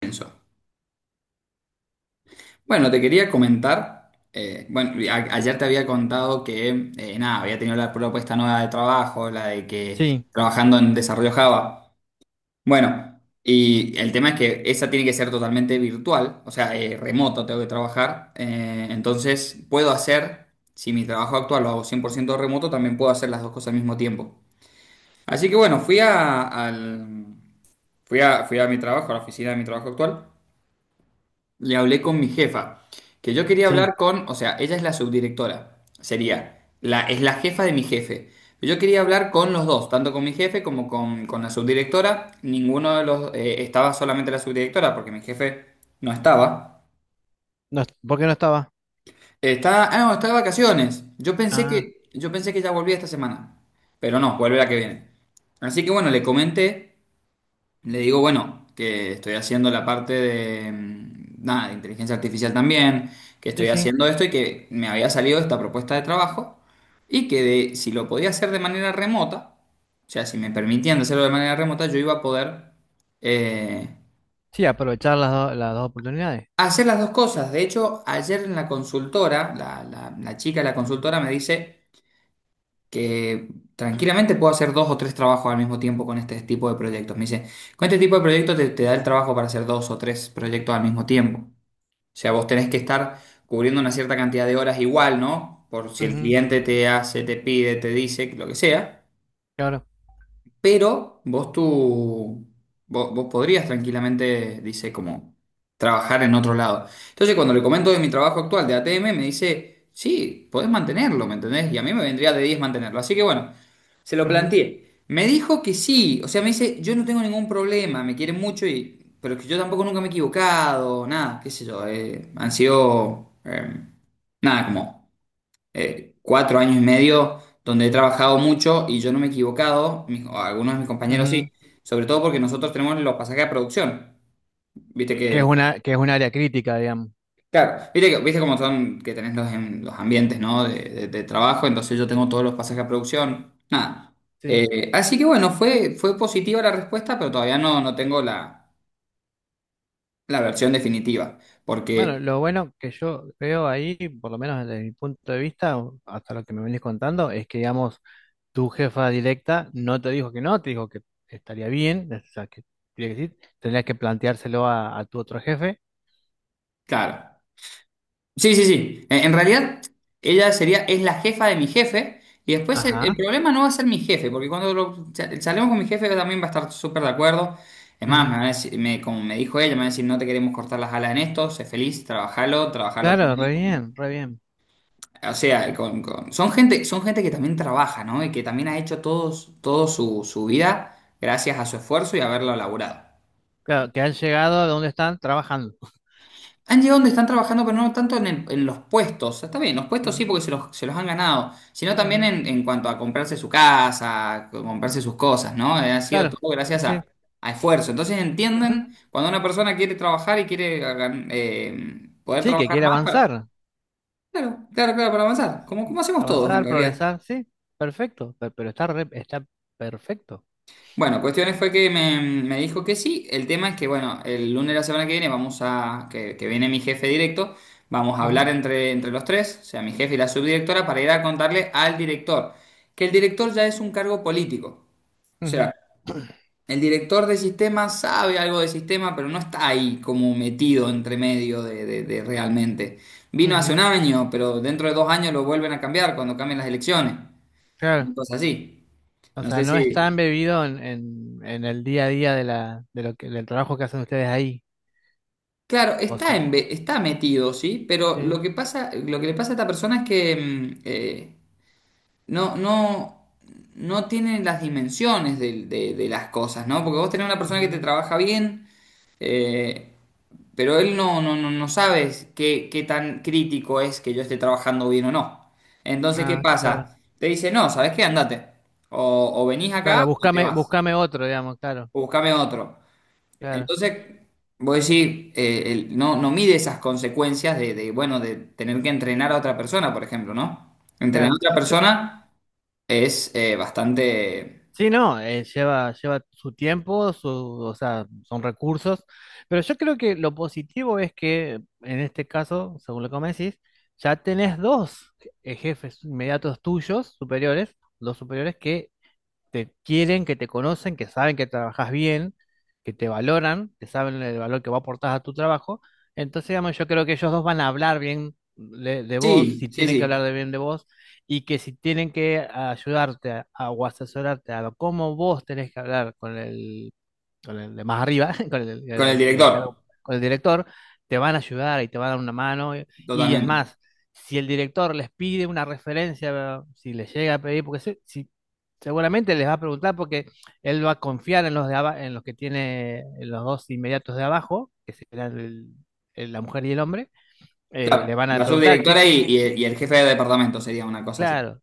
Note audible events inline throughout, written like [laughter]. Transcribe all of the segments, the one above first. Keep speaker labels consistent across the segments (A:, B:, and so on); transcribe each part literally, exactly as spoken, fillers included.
A: Eso. Bueno, te quería comentar, eh, bueno, a- ayer te había contado que, eh, nada, había tenido la propuesta nueva de trabajo, la de que
B: Sí,
A: trabajando en desarrollo Java. Bueno, y el tema es que esa tiene que ser totalmente virtual, o sea, eh, remoto tengo que trabajar, eh, entonces puedo hacer, si mi trabajo actual lo hago cien por ciento remoto, también puedo hacer las dos cosas al mismo tiempo. Así que bueno, fui a, al- fui a, fui a mi trabajo, a la oficina de mi trabajo actual. Le hablé con mi jefa, que yo quería
B: sí.
A: hablar con, o sea, ella es la subdirectora, sería, la, es la jefa de mi jefe. Yo quería hablar con los dos, tanto con mi jefe como con, con la subdirectora. Ninguno de los, eh, estaba solamente la subdirectora, porque mi jefe no estaba.
B: No, est- ¿por qué no estaba?
A: Está, ah, no, está de vacaciones. Yo pensé
B: Ah,
A: que, yo pensé que ya volvía esta semana, pero no, vuelve la que
B: ujú.
A: viene. Así que bueno, le comenté. Le digo, bueno, que estoy haciendo la parte de, mm, nada, de inteligencia artificial también, que
B: Sí,
A: estoy
B: sí.
A: haciendo esto y que me había salido esta propuesta de trabajo y que de- si lo podía hacer de manera remota, o sea, si me permitían hacerlo de manera remota, yo iba a poder eh,
B: Sí, aprovechar las, do- las dos oportunidades.
A: hacer las dos cosas. De hecho, ayer en la consultora, la, la la chica de la consultora me dice que tranquilamente puedo hacer dos o tres trabajos al mismo tiempo con este tipo de proyectos. Me dice, con este tipo de proyectos te, te da el trabajo para hacer dos o tres proyectos al mismo tiempo. O sea, vos tenés que estar cubriendo una cierta cantidad de horas igual, ¿no? Por si el
B: Ujú,
A: cliente te hace, te pide, te dice, lo que sea.
B: claro.
A: Pero vos tú, vos, vos podrías tranquilamente, dice, como trabajar en otro lado. Entonces, cuando le comento de mi trabajo actual de A T M, me dice, sí, podés mantenerlo, ¿me entendés? Y a mí me vendría de diez mantenerlo. Así que bueno, se lo
B: Ujú,
A: planteé. Me dijo que sí, o sea, me dice, yo no tengo ningún problema, me quieren mucho, y, pero que yo tampoco nunca me he equivocado, nada, qué sé yo, eh, han sido, eh, nada, como eh, cuatro años y medio donde he trabajado mucho y yo no me he equivocado, mis- o algunos de mis compañeros sí,
B: ujú.
A: sobre todo porque nosotros tenemos los pasajes a producción. Viste
B: Eh, Que es
A: que,
B: una, que es un área crítica, digamos.
A: claro, viste que, viste cómo son que tenés los, en- los ambientes, ¿no? De, de- de trabajo, entonces yo tengo todos los pasajes a producción. Nada.
B: Sí.
A: Eh, así que bueno, fue, fue positiva la respuesta, pero todavía no, no tengo la, la, versión definitiva,
B: Bueno,
A: porque,
B: lo bueno que yo veo ahí, por lo menos desde mi punto de vista, o hasta lo que me venís contando, es que, digamos, tu jefa directa no te dijo que no, te dijo que estaría bien, o sea, que, tenía que decir, tendrías que planteárselo a, a tu otro jefe.
A: claro. Sí, sí, sí. Eh, En realidad, ella sería, es la jefa de mi jefe. Y después el, el
B: Ajá.
A: problema no va a ser mi jefe, porque cuando lo- sa- salgamos con mi jefe también va a estar súper de acuerdo. Es más, me
B: Ujú.
A: va a decir- me- como me dijo ella, me va a decir, no te queremos cortar las alas en esto, sé feliz, trabajalo, trabajalo
B: Claro, re
A: todo.
B: bien, re bien.
A: O sea, con- con- son gente, son gente que también trabaja, ¿no? Y que también ha hecho todo, todo su, su vida gracias a su esfuerzo y haberlo laburado.
B: Claro, que han llegado a donde están trabajando.
A: Han llegado donde están trabajando, pero no tanto en, el- en los puestos. Está bien, los puestos sí
B: Ujú,
A: porque se los, se los han ganado, sino también
B: ujú,
A: en, en cuanto a comprarse su casa, a comprarse sus cosas, ¿no? Eh, Ha sido
B: claro,
A: todo
B: sí,
A: gracias
B: sí.
A: a, a esfuerzo. Entonces
B: Ujú.
A: entienden cuando una persona quiere trabajar y quiere eh, gan- eh, poder
B: Sí, que
A: trabajar
B: quiere
A: más para.
B: avanzar.
A: Claro, claro, claro, para avanzar.
B: Sí,
A: Como,
B: sí.
A: como hacemos todos en
B: Avanzar,
A: realidad.
B: progresar, sí, perfecto. pe- Pero, está, re- está perfecto.
A: Bueno, cuestiones fue que me, me dijo que sí. El tema es que, bueno, el lunes de la semana que viene vamos a, que, que viene mi jefe directo, vamos a hablar
B: Ujú,
A: entre, entre los tres, o sea, mi jefe y la subdirectora, para ir a contarle al director, que el director ya es un cargo político. O
B: ujú,
A: sea, el director de sistema sabe algo de sistema, pero no está ahí como metido entre medio de, de- de realmente. Vino hace un
B: ujú.
A: año, pero dentro de dos años lo vuelven a cambiar cuando cambien las elecciones.
B: Claro.
A: Cosas así.
B: O
A: No
B: sea,
A: sé
B: no está
A: si.
B: embebido en, en, en el día a día de la, de lo que, del trabajo que hacen ustedes ahí.
A: Claro,
B: ¿O
A: está,
B: sí?
A: en, está metido, sí, pero lo
B: Sí.
A: que pasa, lo que le pasa a esta persona es que mm, eh, no, no, no tiene las dimensiones del- de, de las cosas, ¿no? Porque vos tenés una persona que te
B: Ujú.
A: trabaja bien, eh, pero él no, no, no, no sabes qué, qué, tan crítico es que yo esté trabajando bien o no. Entonces, ¿qué
B: Ah, claro.
A: pasa? Te dice, no, ¿sabes qué? Andate. O, o venís acá
B: Claro,
A: o te
B: búscame,
A: vas.
B: búscame otro, digamos, claro,
A: O buscame otro.
B: claro,
A: Entonces, vos decís, eh, el- no, no mide esas consecuencias de, de, bueno, de tener que entrenar a otra persona, por ejemplo, ¿no? Entrenar a
B: claro.
A: otra
B: Yo,
A: persona es eh, bastante.
B: sí, no, eh, lleva, lleva su tiempo, su, o sea, son recursos, pero yo creo que lo positivo es que en este caso, según lo que me decís, ya tenés dos eh, jefes inmediatos tuyos, superiores, dos superiores que te quieren, que te conocen, que saben que trabajas bien, que te valoran, que saben el valor que va a aportar a tu trabajo. Entonces, digamos, yo creo que ellos dos van a hablar bien de, de vos,
A: Sí,
B: si
A: sí,
B: tienen que hablar
A: sí,
B: de bien de vos, y que si tienen que ayudarte a, a- o asesorarte a lo- cómo vos tenés que hablar con el con el de más arriba, [laughs] con el,
A: con el
B: el- el
A: director,
B: cargo- con el director, te van a ayudar y te van a dar una mano. Y, y es
A: totalmente.
B: más, si el director les pide una referencia, si les llega a pedir, porque se- si, seguramente les va a preguntar porque él va a confiar en los de aba- en los que tiene en los dos inmediatos de abajo, que serán el- el- la mujer y el hombre, eh, le
A: Claro,
B: van a
A: la
B: preguntar, che,
A: subdirectora y,
B: ¿qué,
A: y el
B: qué?
A: y el jefe de departamento sería una cosa así.
B: Claro,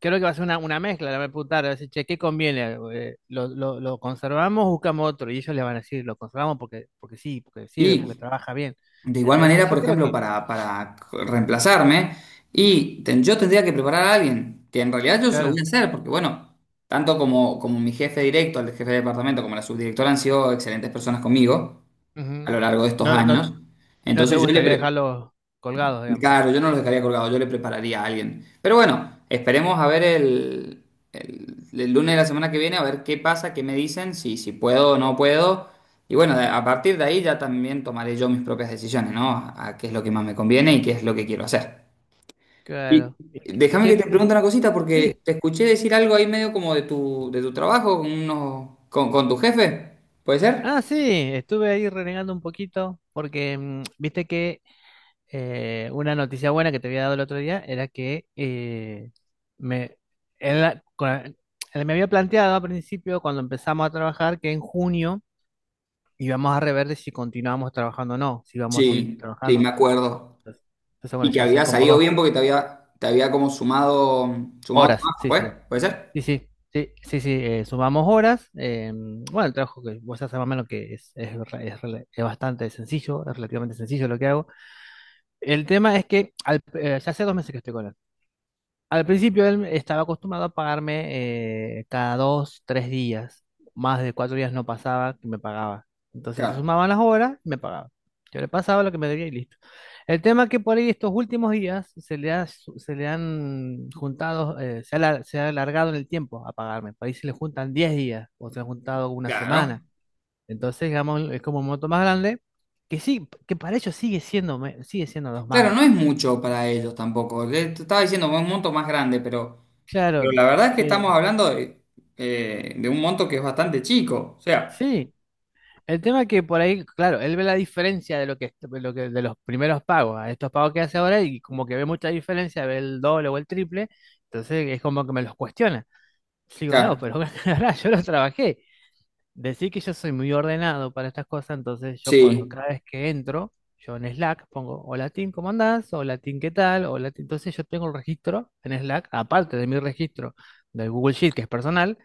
B: creo que va a ser una, una mezcla, la va a preguntar, va a decir, che, ¿qué conviene? Eh, ¿lo, lo, lo conservamos buscamos otro? Y ellos le van a decir, lo conservamos porque, porque sí, porque
A: Mm.
B: sirve, porque
A: Y
B: trabaja bien.
A: de igual
B: Entonces
A: manera, por
B: yo creo
A: ejemplo,
B: que,
A: para, para reemplazarme, y ten- yo tendría que preparar a alguien, que en realidad yo se lo voy
B: claro,
A: a hacer, porque bueno, tanto como, como mi jefe directo, el jefe de departamento, como la subdirectora han sido excelentes personas conmigo a
B: ujú.
A: lo largo de estos
B: No, no,
A: años.
B: no te
A: Entonces yo le,
B: gustaría
A: pre-
B: dejarlos colgados, digamos.
A: Claro, yo no los dejaría colgados, yo le prepararía a alguien. Pero bueno, esperemos a ver el, el- el lunes de la semana que viene, a ver qué pasa, qué me dicen, si, si puedo o no puedo. Y bueno, de- a partir de ahí ya también tomaré yo mis propias decisiones, ¿no? A, a qué es lo que más me conviene y qué es lo que quiero hacer. Y
B: Claro. ¿Y, y
A: déjame que
B: qué?
A: te pregunte una cosita, porque
B: Sí.
A: te escuché decir algo ahí medio como de tu, de tu trabajo, con, unos- con, con tu jefe, ¿puede ser?
B: Ah, sí, estuve ahí renegando un poquito porque, mm, viste que eh, una noticia buena que te había dado el otro día era que eh, me, él la- con- la- él me había planteado al principio, cuando empezamos a trabajar, que en junio íbamos a rever de si continuábamos trabajando o no, si íbamos a seguir
A: Sí, sí,
B: trabajando.
A: me acuerdo.
B: Entonces, entonces, bueno,
A: Y que
B: ya hace
A: había
B: como
A: salido
B: dos
A: bien porque te había, te había como sumado, sumado
B: horas,
A: trabajo,
B: sí,
A: pues,
B: sí,
A: ¿puede ser?
B: sí, sí. Sí, sí, sí, eh, sumamos horas. Eh, bueno, el trabajo que vos haces más o menos que es, es, re- es rela- es bastante sencillo, es relativamente sencillo lo que hago. El tema es que al- eh, ya hace dos meses que estoy con él. Al principio él estaba acostumbrado a pagarme eh, cada dos, tres días. Más de cuatro días no pasaba que me pagaba. Entonces se
A: Claro,
B: sumaban las horas y me pagaba. Yo le pasaba lo que me debía y listo. El tema es que por ahí estos últimos días se le ha, su- se le han juntado, eh, se ha, alar- se ha alargado en el tiempo a pagarme. Por ahí se le juntan diez días o se han juntado una
A: claro.
B: semana. Entonces, digamos, es como un monto más grande que sí, que para ellos sigue siendo, me- sigue siendo dos
A: Claro,
B: mangos.
A: no es mucho para ellos tampoco. Le- Te estaba diciendo un monto más grande, pero, pero
B: Claro,
A: la verdad es que estamos
B: eh,
A: hablando de, eh, de un monto que es bastante chico. O sea,
B: sí. El tema es que por ahí, claro, él ve la diferencia de lo que, de lo que de los primeros pagos a estos pagos que hace ahora y como que ve mucha diferencia, ve el doble o el triple, entonces es como que me los cuestiona. Digo, no,
A: claro,
B: pero [laughs] ahora yo los trabajé. Decir que yo soy muy ordenado para estas cosas, entonces yo cuando
A: sí,
B: cada vez que entro, yo en Slack pongo, hola Tim, ¿cómo andás? Hola Tim, ¿qué tal? Hola Tim. Entonces yo tengo un registro en Slack, aparte de mi registro del Google Sheet, que es personal,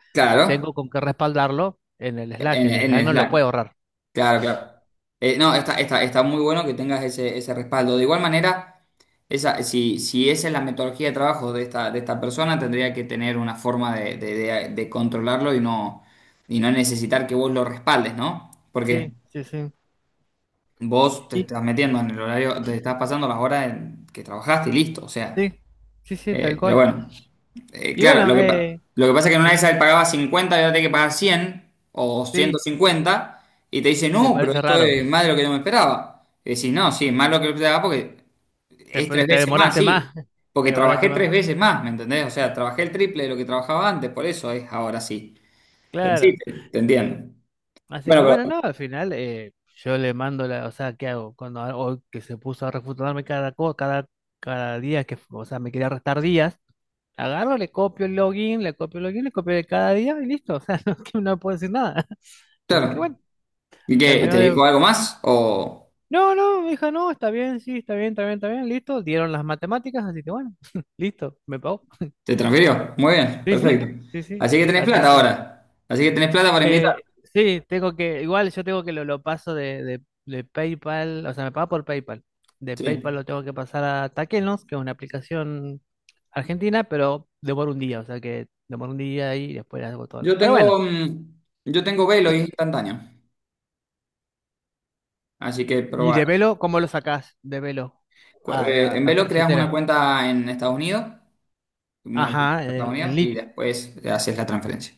B: tengo
A: claro,
B: con qué respaldarlo en el Slack,
A: en,
B: en
A: en
B: Slack
A: el
B: no lo puedo
A: Slack.
B: borrar.
A: Claro, claro. Eh, no, está, está, está muy bueno que tengas ese, ese respaldo. De igual manera, esa, si, si esa es la metodología de trabajo de esta, de esta persona, tendría que tener una forma de, de- de- de controlarlo y no, y no necesitar que vos lo respaldes, ¿no? Porque
B: Sí, sí, sí.
A: vos te
B: Y
A: estás metiendo en el horario, te estás pasando las horas en que trabajaste y listo. O sea,
B: sí, sí, sí, tal
A: eh, pero
B: cual.
A: bueno. Eh,
B: Y
A: claro,
B: bueno,
A: lo que, pa-
B: eh,
A: lo que pasa es que en una de
B: sí,
A: esas él pagaba cincuenta y ahora tiene que pagar cien o
B: sí,
A: ciento cincuenta y te dice,
B: y le
A: no, pero
B: parece
A: esto
B: raro.
A: es más de lo que yo me esperaba. Y decís, no, sí, más lo que yo esperaba porque
B: Te,
A: es tres
B: pues, te
A: veces más,
B: demoraste
A: sí.
B: más, [laughs] te
A: Porque
B: demoraste
A: trabajé
B: más.
A: tres veces más, ¿me entendés? O sea, trabajé el triple de lo que trabajaba antes, por eso es ahora sí. Pero sí,
B: Claro.
A: te, te entiendo.
B: Así
A: Bueno,
B: que bueno,
A: pero
B: no, al final eh, yo le mando la, o sea, ¿qué hago? Cuando a- hoy que se puso a refutarme cada cosa, cada, cada día que, o sea, me quería restar días, agarro, le copio el login, le copio el login, le copio de cada día y listo. O sea, [laughs] no, que no puedo decir nada. [laughs] Así que
A: claro.
B: bueno,
A: ¿Y qué? ¿Te
B: terminó de
A: dijo algo más o
B: no, no, hija, no, está bien, sí, está bien, está bien, está bien, listo. Dieron las matemáticas, así que bueno, [laughs] listo, me pagó.
A: te transfirió? Muy bien,
B: Sí,
A: perfecto.
B: sí, sí,
A: Así
B: sí.
A: que tenés
B: Así
A: plata
B: que,
A: ahora. Así que tenés plata para invitar.
B: eh, sí, tengo que, igual yo tengo que lo, lo paso de, de, de PayPal, o sea, me paga por PayPal. De PayPal
A: Sí.
B: lo tengo que pasar a Taquenos, que es una aplicación argentina, pero demora un día, o sea que demora un día y después hago todo.
A: Yo
B: Pero bueno,
A: tengo, mm, yo tengo Velo y es instantáneo, así que
B: y
A: probar.
B: de velo, ¿cómo lo sacás de velo
A: eh,
B: a,
A: En
B: a, a tu
A: Velo creas una
B: billetera?
A: cuenta en Estados Unidos, una cuenta en
B: Ajá,
A: Estados
B: el-
A: Unidos
B: en
A: y
B: lit.
A: después te haces la transferencia.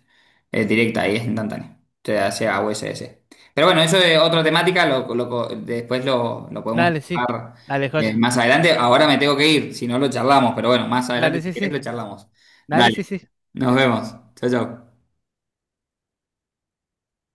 A: Es directa y es instantánea. Te hace a U S D C. Pero bueno, eso es otra temática, lo, lo co- después lo, lo podemos
B: Dale, sí.
A: tratar
B: Dale,
A: eh,
B: joya.
A: más adelante. Ahora me tengo que ir, si no lo charlamos, pero bueno, más adelante
B: Dale,
A: si
B: sí,
A: querés lo
B: sí.
A: charlamos.
B: Dale, sí,
A: Dale,
B: sí.
A: nos
B: Interesante.
A: vemos. Chao, chao.